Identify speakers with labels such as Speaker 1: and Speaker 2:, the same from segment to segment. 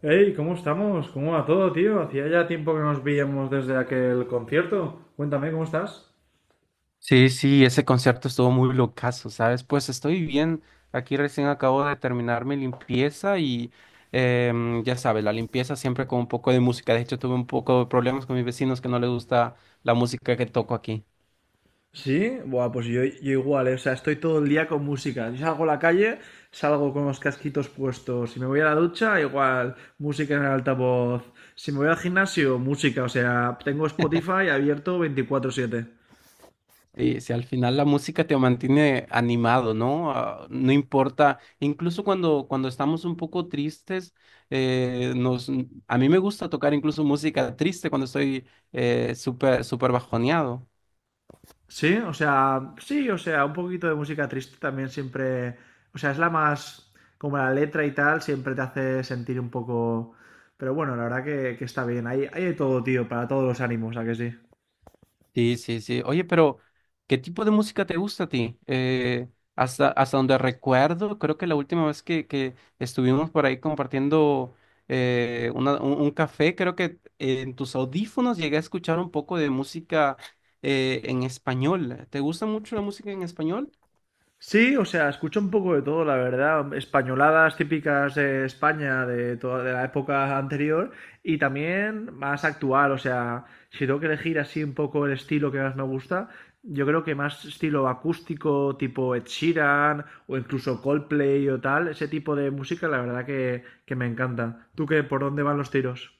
Speaker 1: Hey, ¿cómo estamos? ¿Cómo va todo, tío? Hacía ya tiempo que nos veíamos desde aquel concierto. Cuéntame, ¿cómo estás?
Speaker 2: Sí, sí, ese concierto estuvo muy locazo, ¿sabes? Pues estoy bien. Aquí recién acabo de terminar mi limpieza y ya sabes, la limpieza siempre con un poco de música. De hecho, tuve un poco de problemas con mis vecinos que no les gusta la música que toco aquí.
Speaker 1: Sí, buah, pues yo igual, o sea, estoy todo el día con música. Yo salgo a la calle, salgo con los casquitos puestos. Si me voy a la ducha, igual, música en el altavoz. Si me voy al gimnasio, música. O sea, tengo Spotify abierto 24/7.
Speaker 2: Sí, sí, al final la música te mantiene animado, ¿no? Ah, no importa, incluso cuando estamos un poco tristes, eh, nos, a mí me gusta tocar incluso música triste cuando estoy súper, súper bajoneado.
Speaker 1: Sí, o sea, un poquito de música triste también siempre, o sea, es la más, como la letra y tal, siempre te hace sentir un poco, pero bueno, la verdad que está bien, hay de todo, tío, para todos los ánimos, ¿a que sí?
Speaker 2: Sí, sí, sí. Oye, pero ¿qué tipo de música te gusta a ti? Hasta donde recuerdo, creo que la última vez que estuvimos por ahí compartiendo un café, creo que en tus audífonos llegué a escuchar un poco de música en español. ¿Te gusta mucho la música en español?
Speaker 1: Sí, o sea, escucho un poco de todo, la verdad. Españoladas típicas de España de toda de la época anterior y también más actual. O sea, si tengo que elegir así un poco el estilo que más me gusta, yo creo que más estilo acústico, tipo Ed Sheeran o incluso Coldplay o tal, ese tipo de música, la verdad que me encanta. ¿Tú qué, por dónde van los tiros?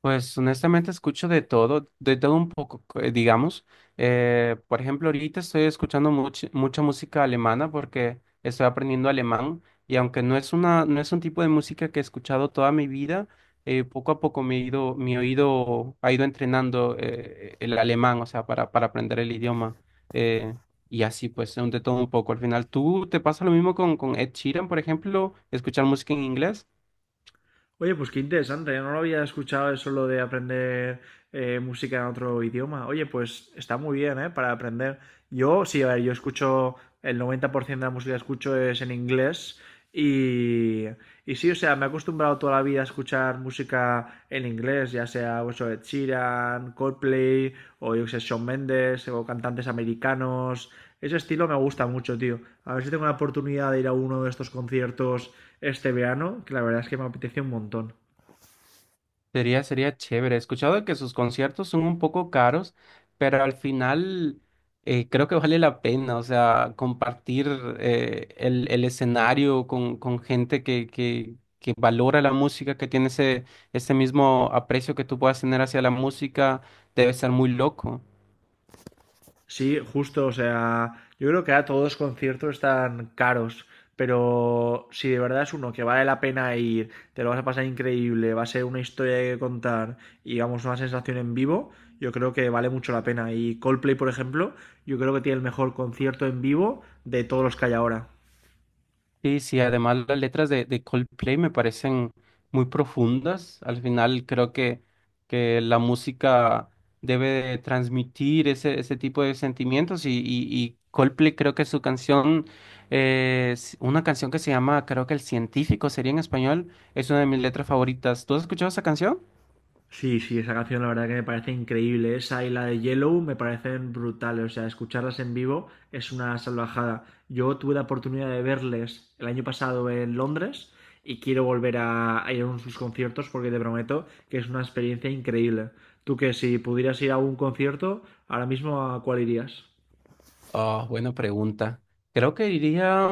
Speaker 2: Pues honestamente escucho de todo un poco, digamos. Por ejemplo, ahorita estoy escuchando mucha música alemana porque estoy aprendiendo alemán y aunque no es un tipo de música que he escuchado toda mi vida, poco a poco mi oído ha ido entrenando el alemán, o sea, para aprender el idioma. eh, y así pues, de todo un poco. Al final, ¿tú te pasa lo mismo con Ed Sheeran, por ejemplo, escuchar música en inglés?
Speaker 1: Oye, pues qué interesante, yo no lo había escuchado eso lo de aprender música en otro idioma. Oye, pues está muy bien, ¿eh? Para aprender. Yo, sí, a ver, yo escucho, el 90% de la música que escucho es en inglés y, y sí, o sea, me he acostumbrado toda la vida a escuchar música en inglés, ya sea eso de Ed Sheeran, Coldplay o yo que sé, Shawn Mendes o cantantes americanos, ese estilo me gusta mucho, tío. A ver si tengo la oportunidad de ir a uno de estos conciertos este verano, que la verdad es que me apetece un montón.
Speaker 2: Sería chévere. He escuchado que sus conciertos son un poco caros, pero al final creo que vale la pena, o sea, compartir el escenario con gente que valora la música, que tiene ese mismo aprecio que tú puedas tener hacia la música, debe ser muy loco.
Speaker 1: Sí, justo, o sea, yo creo que a todos los conciertos están caros, pero si de verdad es uno que vale la pena ir, te lo vas a pasar increíble, va a ser una historia que contar y vamos, una sensación en vivo, yo creo que vale mucho la pena. Y Coldplay, por ejemplo, yo creo que tiene el mejor concierto en vivo de todos los que hay ahora.
Speaker 2: Sí, sí, además las letras de Coldplay me parecen muy profundas. Al final creo que la música debe de transmitir ese tipo de sentimientos y Coldplay creo que su canción, es una canción que se llama, creo que El Científico sería en español, es una de mis letras favoritas. ¿Tú has escuchado esa canción?
Speaker 1: Sí, sí, esa canción la verdad que me parece increíble. Esa y la de Yellow me parecen brutales. O sea, escucharlas en vivo es una salvajada. Yo tuve la oportunidad de verles el año pasado en Londres y quiero volver a ir a uno de sus conciertos porque te prometo que es una experiencia increíble. Tú que si pudieras ir a un concierto, ahora mismo, ¿a cuál irías?
Speaker 2: Oh, buena pregunta. Creo que diría.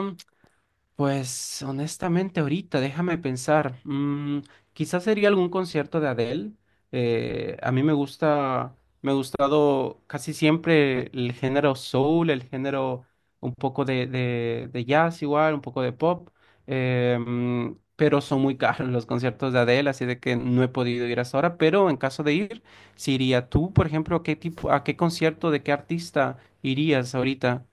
Speaker 2: Pues honestamente ahorita, déjame pensar, quizás sería algún concierto de Adele. A mí me ha gustado casi siempre el género soul, el género un poco de jazz igual, un poco de pop, eh, mm, pero son muy caros los conciertos de Adele, así de que no he podido ir hasta ahora, pero en caso de ir, si iría tú, por ejemplo, ¿a qué concierto de qué artista irías ahorita?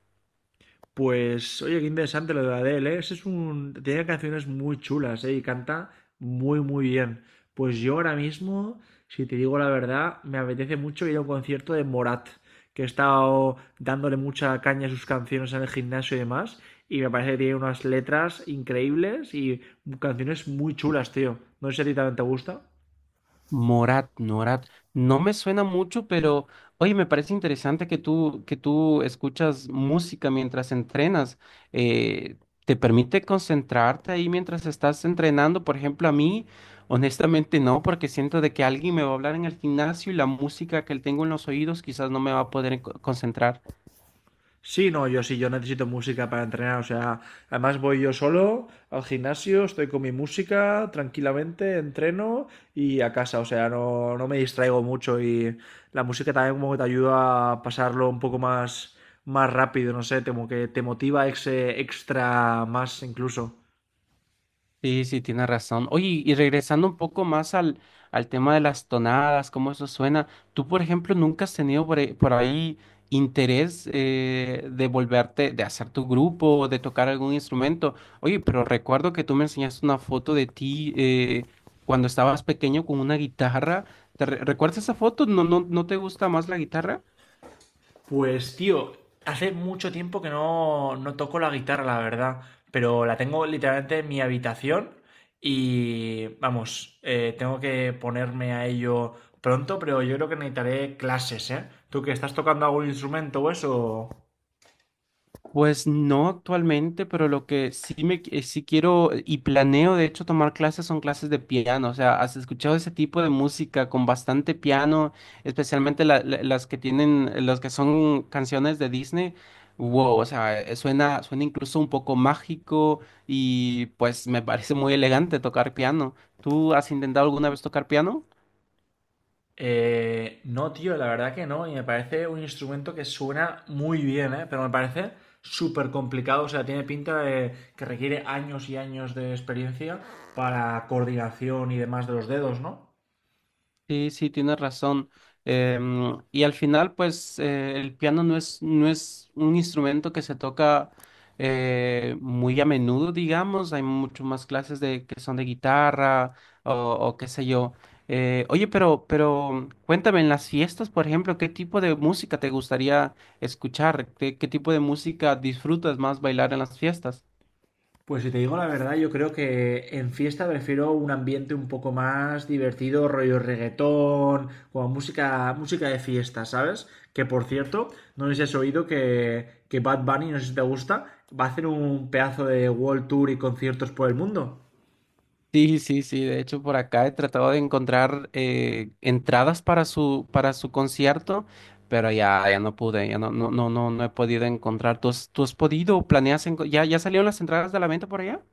Speaker 1: Pues, oye, qué interesante lo de Adele, ¿eh? Ese es un... Tiene canciones muy chulas, ¿eh? Y canta muy, muy bien. Pues yo ahora mismo, si te digo la verdad, me apetece mucho ir a un concierto de Morat, que he estado dándole mucha caña a sus canciones en el gimnasio y demás, y me parece que tiene unas letras increíbles y canciones muy chulas, tío. No sé si a ti también te gusta.
Speaker 2: Morat, Morat, no me suena mucho, pero oye, me parece interesante que tú escuchas música mientras entrenas. Eh, ¿te permite concentrarte ahí mientras estás entrenando? Por ejemplo, a mí, honestamente no, porque siento de que alguien me va a hablar en el gimnasio y la música que tengo en los oídos quizás no me va a poder concentrar.
Speaker 1: Sí, no, yo sí, yo necesito música para entrenar, o sea, además voy yo solo al gimnasio, estoy con mi música tranquilamente, entreno y a casa, o sea, no, no me distraigo mucho y la música también como que te ayuda a pasarlo un poco más, más rápido, no sé, como que te motiva ese extra más incluso.
Speaker 2: Sí, sí, tienes razón. Oye, y regresando un poco más al tema de las tonadas, cómo eso suena, ¿tú, por ejemplo, nunca has tenido por ahí interés de hacer tu grupo, o de tocar algún instrumento? Oye, pero recuerdo que tú me enseñaste una foto de ti cuando estabas pequeño con una guitarra. ¿Te recuerdas esa foto? ¿No, no, no te gusta más la guitarra?
Speaker 1: Pues tío, hace mucho tiempo que no toco la guitarra, la verdad, pero la tengo literalmente en mi habitación y vamos, tengo que ponerme a ello pronto, pero yo creo que necesitaré clases, ¿eh? ¿Tú que estás tocando algún instrumento o eso?
Speaker 2: Pues no actualmente, pero lo que sí sí quiero y planeo de hecho tomar clases son clases de piano. O sea, ¿has escuchado ese tipo de música con bastante piano, especialmente las que las que son canciones de Disney? Wow, o sea, suena incluso un poco mágico y pues me parece muy elegante tocar piano. ¿Tú has intentado alguna vez tocar piano?
Speaker 1: No, tío, la verdad que no, y me parece un instrumento que suena muy bien, ¿eh? Pero me parece súper complicado, o sea, tiene pinta de que requiere años y años de experiencia para coordinación y demás de los dedos, ¿no?
Speaker 2: Sí, sí, tienes razón. Y al final, pues, el piano no es un instrumento que se toca muy a menudo, digamos. Hay mucho más clases de que son de guitarra o qué sé yo. Oye, pero cuéntame, en las fiestas, por ejemplo, ¿qué tipo de música te gustaría escuchar? ¿Qué tipo de música disfrutas más bailar en las fiestas?
Speaker 1: Pues si te digo la verdad, yo creo que en fiesta prefiero un ambiente un poco más divertido, rollo reggaetón, como música, música de fiesta, ¿sabes? Que por cierto, no sé si has oído que Bad Bunny, no sé si te gusta, va a hacer un pedazo de World Tour y conciertos por el mundo.
Speaker 2: Sí, sí, sí. De hecho, por acá he tratado de encontrar entradas para su concierto, pero ya no pude, ya no he podido encontrar. ¿Tú has podido? ¿Planeas? ¿Ya salieron las entradas de la venta por allá?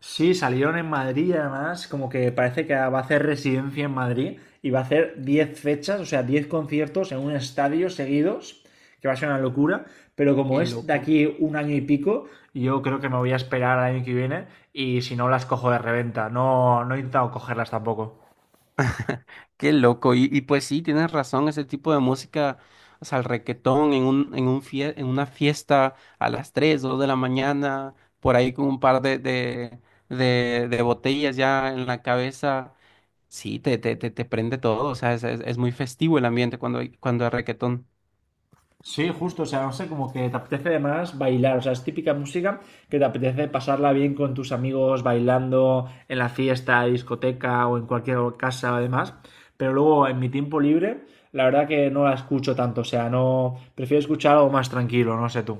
Speaker 1: Sí, salieron en Madrid, además, como que parece que va a hacer residencia en Madrid y va a hacer 10 fechas, o sea, 10 conciertos en un estadio seguidos, que va a ser una locura, pero como
Speaker 2: Qué
Speaker 1: es de
Speaker 2: loco.
Speaker 1: aquí un año y pico, yo creo que me voy a esperar al año que viene y si no las cojo de reventa, no, no he intentado cogerlas tampoco.
Speaker 2: Qué loco. Y pues sí, tienes razón. Ese tipo de música, o sea, el reguetón en una fiesta a las 3 2 de la mañana, por ahí con un par de botellas ya en la cabeza. Sí, te prende todo, o sea, es muy festivo el ambiente cuando hay reggaetón.
Speaker 1: Sí, justo, o sea, no sé, como que te apetece además bailar, o sea, es típica música que te apetece pasarla bien con tus amigos bailando en la fiesta, discoteca o en cualquier casa además, pero luego en mi tiempo libre, la verdad que no la escucho tanto, o sea, no, prefiero escuchar algo más tranquilo, no sé tú.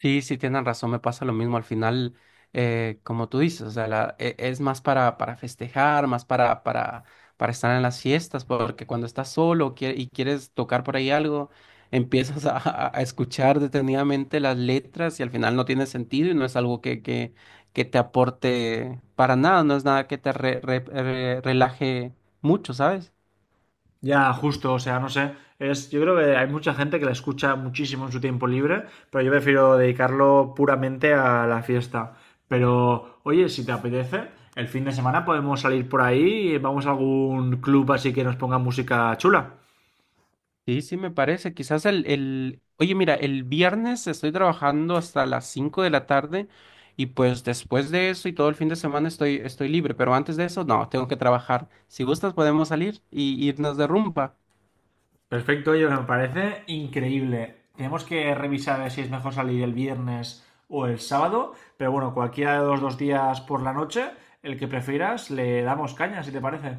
Speaker 2: Sí, sí, tienen razón, me pasa lo mismo al final, como tú dices, o sea, es más para festejar, más para estar en las fiestas, porque cuando estás solo y quieres tocar por ahí algo, empiezas a escuchar detenidamente las letras y al final no tiene sentido y no es algo que te aporte para nada, no es nada que te relaje mucho, ¿sabes?
Speaker 1: Ya, justo, o sea, no sé. Es, yo creo que hay mucha gente que la escucha muchísimo en su tiempo libre, pero yo prefiero dedicarlo puramente a la fiesta. Pero, oye, si te apetece, el fin de semana podemos salir por ahí y vamos a algún club así que nos ponga música chula.
Speaker 2: Sí, sí, me parece. Oye, mira, el viernes estoy trabajando hasta las 5 de la tarde y pues después de eso y todo el fin de semana estoy libre, pero antes de eso, no, tengo que trabajar. Si gustas, podemos salir y irnos de rumba.
Speaker 1: Perfecto, oye, me parece increíble. Tenemos que revisar a ver si es mejor salir el viernes o el sábado, pero bueno, cualquiera de los dos días por la noche, el que prefieras, le damos caña, si te parece.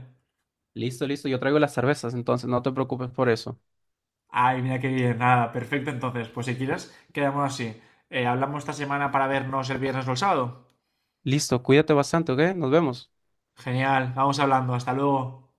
Speaker 2: Listo, listo, yo traigo las cervezas, entonces no te preocupes por eso.
Speaker 1: Ay, mira qué bien, nada, perfecto. Entonces, pues si quieres, quedamos así. Hablamos esta semana para vernos el viernes o el sábado.
Speaker 2: Listo, cuídate bastante, ¿ok? Nos vemos.
Speaker 1: Genial, vamos hablando, hasta luego.